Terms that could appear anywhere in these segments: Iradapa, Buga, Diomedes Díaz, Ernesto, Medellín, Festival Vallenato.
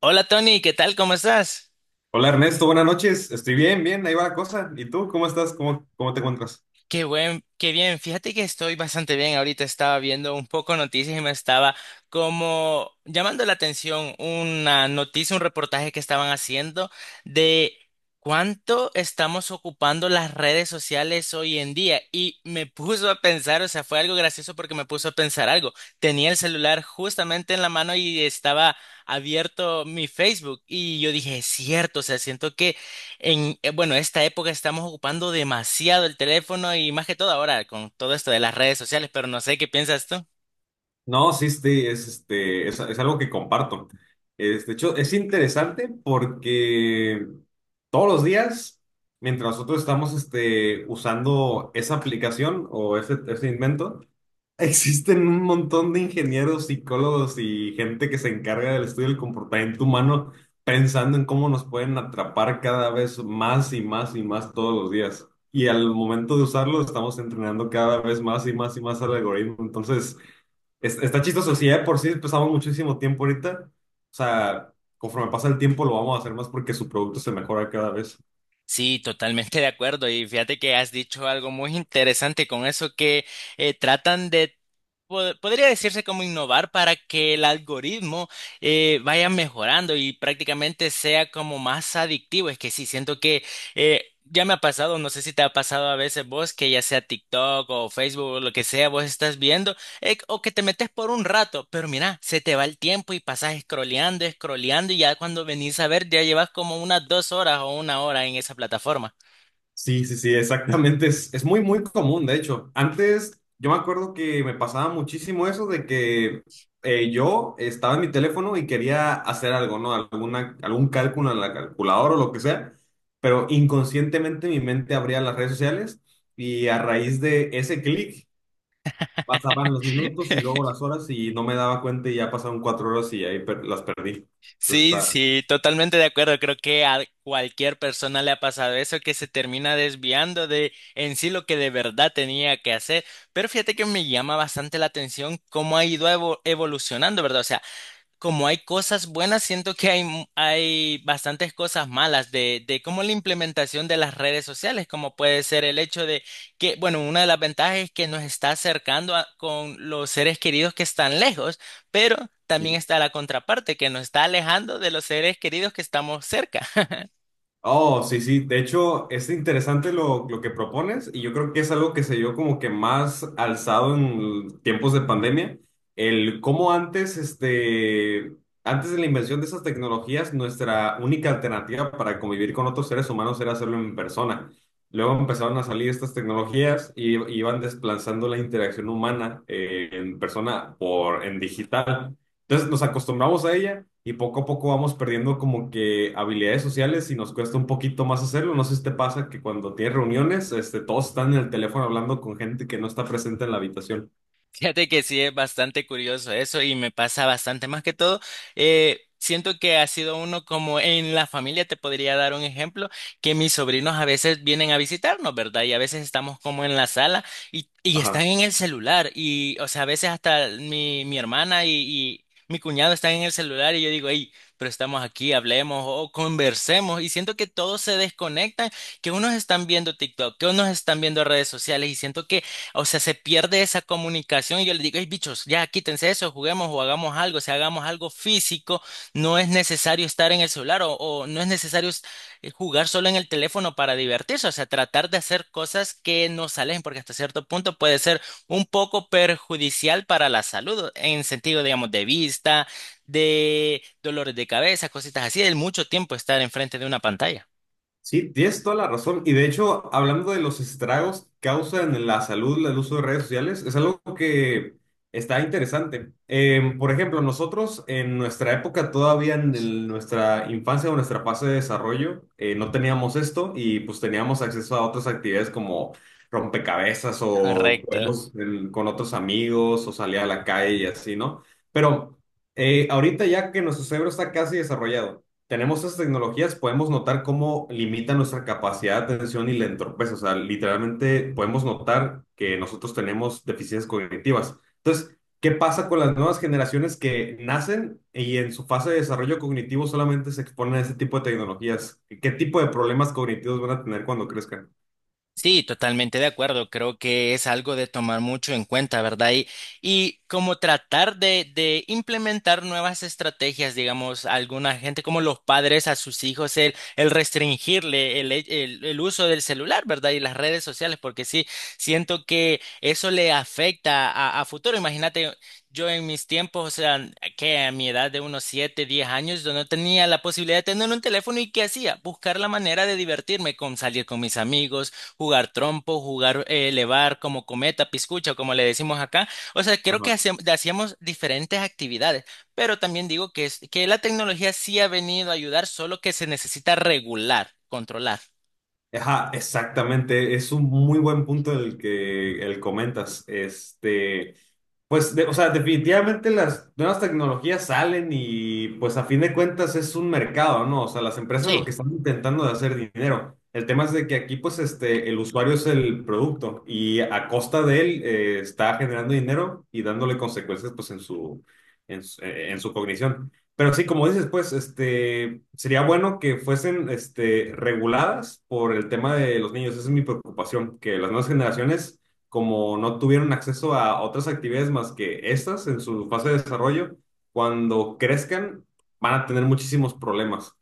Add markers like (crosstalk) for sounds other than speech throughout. Hola Tony, ¿qué tal? ¿Cómo estás? Hola Ernesto, buenas noches. Estoy bien, bien, ahí va la cosa. ¿Y tú cómo estás? ¿Cómo te encuentras? Qué bien. Fíjate que estoy bastante bien. Ahorita estaba viendo un poco noticias y me estaba como llamando la atención una noticia, un reportaje que estaban haciendo de cuánto estamos ocupando las redes sociales hoy en día. Y me puso a pensar, o sea, fue algo gracioso porque me puso a pensar algo. Tenía el celular justamente en la mano y estaba abierto mi Facebook y yo dije, es cierto, o sea, siento que bueno, esta época estamos ocupando demasiado el teléfono y más que todo ahora con todo esto de las redes sociales, pero no sé qué piensas tú. No, sí, es, es algo que comparto. Es, de hecho, es interesante porque todos los días, mientras nosotros estamos usando esa aplicación o ese invento, existen un montón de ingenieros, psicólogos y gente que se encarga del estudio del comportamiento humano pensando en cómo nos pueden atrapar cada vez más y más y más todos los días. Y al momento de usarlo, estamos entrenando cada vez más y más y más al algoritmo. Entonces, está chistoso. Si ya de por sí pasamos muchísimo tiempo ahorita, o sea, conforme pasa el tiempo lo vamos a hacer más porque su producto se mejora cada vez. Sí, totalmente de acuerdo. Y fíjate que has dicho algo muy interesante con eso que tratan de podría decirse como innovar para que el algoritmo vaya mejorando y prácticamente sea como más adictivo. Es que sí, siento que ya me ha pasado, no sé si te ha pasado a veces vos, que ya sea TikTok o Facebook o lo que sea, vos estás viendo o que te metes por un rato, pero mira, se te va el tiempo y pasas scrolleando, scrolleando y ya cuando venís a ver ya llevas como unas 2 horas o 1 hora en esa plataforma. Sí, sí, sí, exactamente. Es muy, muy común, de hecho. Antes yo me acuerdo que me pasaba muchísimo eso de que yo estaba en mi teléfono y quería hacer algo, ¿no? Algún cálculo en la calculadora o lo que sea, pero inconscientemente mi mente abría las redes sociales y a raíz de ese clic pasaban los minutos y (laughs) luego las horas y no me daba cuenta y ya pasaron cuatro horas y ahí las perdí. Entonces Sí, está. sí, totalmente de acuerdo. Creo que a cualquier persona le ha pasado eso, que se termina desviando de en sí lo que de verdad tenía que hacer. Pero fíjate que me llama bastante la atención cómo ha ido evolucionando, ¿verdad? O sea, como hay cosas buenas, siento que hay, hay bastantes cosas malas de cómo la implementación de las redes sociales, como puede ser el hecho de que, bueno, una de las ventajas es que nos está acercando con los seres queridos que están lejos, pero también está la contraparte, que nos está alejando de los seres queridos que estamos cerca. (laughs) Oh, sí, sí. De hecho, es interesante lo que propones y yo creo que es algo que se dio como que más alzado en tiempos de pandemia. El cómo antes, antes de la invención de esas tecnologías, nuestra única alternativa para convivir con otros seres humanos era hacerlo en persona. Luego empezaron a salir estas tecnologías y iban desplazando la interacción humana en persona por en digital. Entonces nos acostumbramos a ella y poco a poco vamos perdiendo como que habilidades sociales y nos cuesta un poquito más hacerlo. No sé si te pasa que cuando tienes reuniones, todos están en el teléfono hablando con gente que no está presente en la habitación. Fíjate que sí es bastante curioso eso y me pasa bastante. Más que todo, siento que ha sido uno como en la familia, te podría dar un ejemplo, que mis sobrinos a veces vienen a visitarnos, ¿verdad? Y a veces estamos como en la sala y están Ajá. en el celular y, o sea, a veces hasta mi hermana y mi cuñado están en el celular y yo digo, hey, pero estamos aquí, hablemos o conversemos y siento que todos se desconectan, que unos están viendo TikTok, que unos están viendo redes sociales y siento que o sea, se pierde esa comunicación y yo les digo, hey, bichos, ya quítense eso, juguemos o hagamos algo, o sea, hagamos algo físico, no es necesario estar en el celular o no es necesario jugar solo en el teléfono para divertirse, o sea, tratar de hacer cosas que nos alejen, porque hasta cierto punto puede ser un poco perjudicial para la salud, en sentido, digamos, de vista, de dolores de cabeza, cositas así, del mucho tiempo estar enfrente de una pantalla. Sí, tienes toda la razón. Y de hecho, hablando de los estragos que causan en la salud el uso de redes sociales, es algo que está interesante. Por ejemplo, nosotros en nuestra época, todavía en nuestra infancia o nuestra fase de desarrollo, no teníamos esto y pues teníamos acceso a otras actividades como rompecabezas o Correcto. juegos con otros amigos o salir a la calle y así, ¿no? Pero ahorita ya que nuestro cerebro está casi desarrollado tenemos esas tecnologías, podemos notar cómo limita nuestra capacidad de atención y la entorpece. O sea, literalmente podemos notar que nosotros tenemos deficiencias cognitivas. Entonces, ¿qué pasa con las nuevas generaciones que nacen y en su fase de desarrollo cognitivo solamente se exponen a ese tipo de tecnologías? ¿Qué tipo de problemas cognitivos van a tener cuando crezcan? Sí, totalmente de acuerdo. Creo que es algo de tomar mucho en cuenta, ¿verdad? Y como tratar de implementar nuevas estrategias, digamos, alguna gente como los padres a sus hijos, el restringirle el uso del celular, ¿verdad? Y las redes sociales, porque sí, siento que eso le afecta a futuro. Imagínate. Yo en mis tiempos, o sea, que a mi edad de unos 7, 10 años, yo no tenía la posibilidad de tener un teléfono y ¿qué hacía? Buscar la manera de divertirme con salir con mis amigos, jugar trompo, jugar elevar como cometa, piscucha, como le decimos acá. O sea, creo Ajá. que hacíamos diferentes actividades, pero también digo que, que la tecnología sí ha venido a ayudar, solo que se necesita regular, controlar. Ajá, exactamente. Es un muy buen punto el que el comentas. Pues, o sea, definitivamente las nuevas tecnologías salen y pues a fin de cuentas es un mercado, ¿no? O sea, las empresas lo que Sí. están intentando de hacer dinero. El tema es de que aquí pues el usuario es el producto y a costa de él está generando dinero y dándole consecuencias pues en su, en su, en su cognición. Pero sí, como dices, pues sería bueno que fuesen reguladas por el tema de los niños. Esa es mi preocupación, que las nuevas generaciones como no tuvieron acceso a otras actividades más que estas en su fase de desarrollo, cuando crezcan van a tener muchísimos problemas.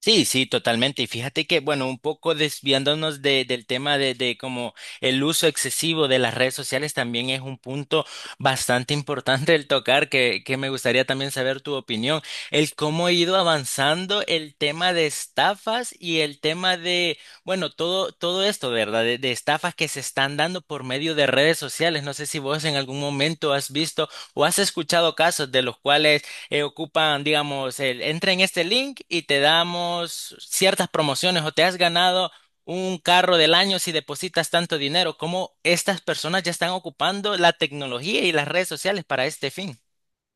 Sí, sí, totalmente. Y fíjate que, bueno, un poco desviándonos del tema de como el uso excesivo de las redes sociales también es un punto bastante importante el tocar, que me gustaría también saber tu opinión. El cómo ha ido avanzando el tema de estafas y el tema de, bueno, todo, todo esto, ¿verdad? De estafas que se están dando por medio de redes sociales. No sé si vos en algún momento has visto o has escuchado casos de los cuales ocupan, digamos, el, entra en este link y te damos ciertas promociones o te has ganado un carro del año si depositas tanto dinero, como estas personas ya están ocupando la tecnología y las redes sociales para este fin.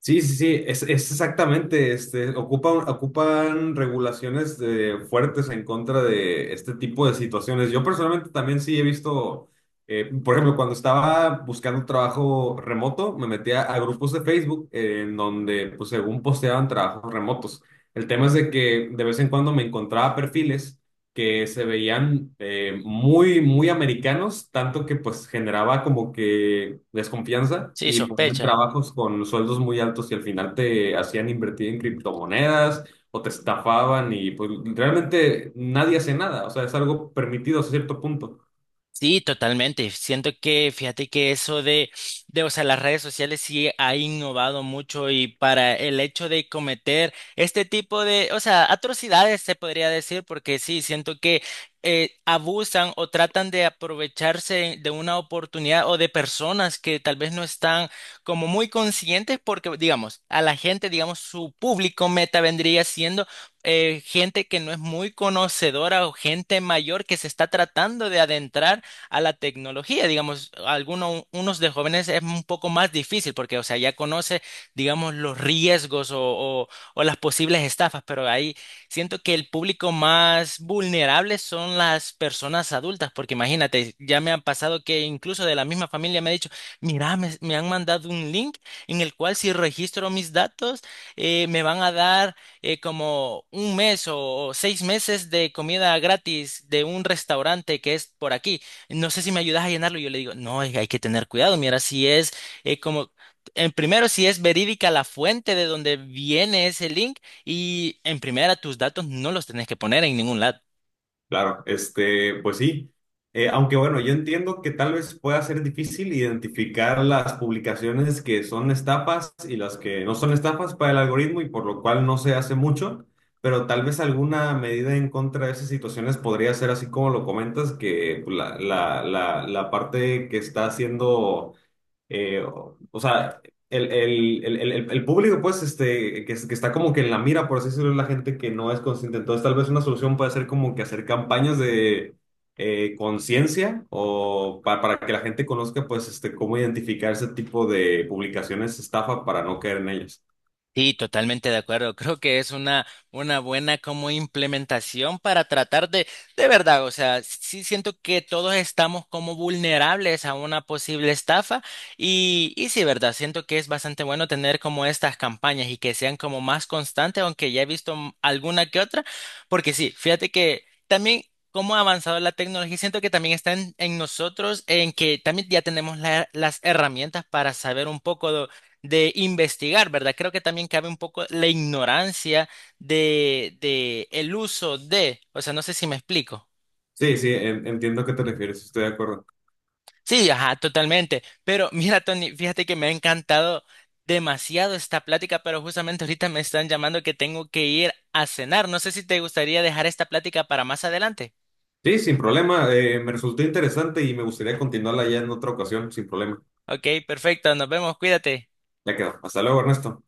Sí, sí, sí, es exactamente, ocupan, ocupan regulaciones fuertes en contra de este tipo de situaciones. Yo personalmente también sí he visto, por ejemplo, cuando estaba buscando trabajo remoto, me metía a grupos de Facebook en donde, pues, según posteaban trabajos remotos. El tema es de que de vez en cuando me encontraba perfiles que se veían muy, muy americanos, tanto que pues generaba como que desconfianza Sí, y ponían sospecha. trabajos con sueldos muy altos y al final te hacían invertir en criptomonedas o te estafaban y pues realmente nadie hace nada, o sea, es algo permitido a cierto punto. Sí, totalmente. Siento que, fíjate que eso de, o sea, las redes sociales sí ha innovado mucho y para el hecho de cometer este tipo de, o sea, atrocidades se podría decir, porque sí, siento que abusan o tratan de aprovecharse de una oportunidad o de personas que tal vez no están como muy conscientes, porque, digamos, a la gente, digamos, su público meta vendría siendo gente que no es muy conocedora o gente mayor que se está tratando de adentrar a la tecnología. Digamos, algunos unos de jóvenes es un poco más difícil porque, o sea, ya conoce, digamos, los riesgos o las posibles estafas, pero ahí siento que el público más vulnerable son las personas adultas, porque imagínate, ya me han pasado que incluso de la misma familia me ha dicho, mira, me han mandado un link en el cual si registro mis datos, me van a dar como 1 mes o 6 meses de comida gratis de un restaurante que es por aquí, no sé si me ayudas a llenarlo. Y yo le digo, no, es que hay que tener cuidado. Mira, si es eh, como, en primero, si es verídica la fuente de donde viene ese link y en primera, tus datos no los tenés que poner en ningún lado. Claro, pues sí. Aunque bueno, yo entiendo que tal vez pueda ser difícil identificar las publicaciones que son estafas y las que no son estafas para el algoritmo y por lo cual no se hace mucho, pero tal vez alguna medida en contra de esas situaciones podría ser así como lo comentas, que la parte que está haciendo o sea, el público, pues, que, que está como que en la mira, por así decirlo, es la gente que no es consciente. Entonces, tal vez una solución puede ser como que hacer campañas de conciencia o para que la gente conozca, pues, cómo identificar ese tipo de publicaciones estafa para no caer en ellas. Sí, totalmente de acuerdo. Creo que es una buena como implementación para tratar de verdad, o sea, sí siento que todos estamos como vulnerables a una posible estafa y sí, verdad, siento que es bastante bueno tener como estas campañas y que sean como más constantes, aunque ya he visto alguna que otra, porque sí, fíjate que también... Cómo ha avanzado la tecnología, siento que también está en nosotros, en que también ya tenemos las herramientas para saber un poco de investigar, ¿verdad? Creo que también cabe un poco la ignorancia de el uso de, o sea, no sé si me explico. Sí, sí, entiendo a qué te refieres, estoy de acuerdo. Sí, ajá, totalmente. Pero (laughs) mira, Tony, fíjate que me ha encantado demasiado esta plática, pero justamente ahorita me están llamando que tengo que ir a cenar. No sé si te gustaría dejar esta plática para más adelante. Sí, sin problema, me resultó interesante y me gustaría continuarla ya en otra ocasión, sin problema. Ok, perfecto, nos vemos, cuídate. Ya quedó. Hasta luego, Ernesto.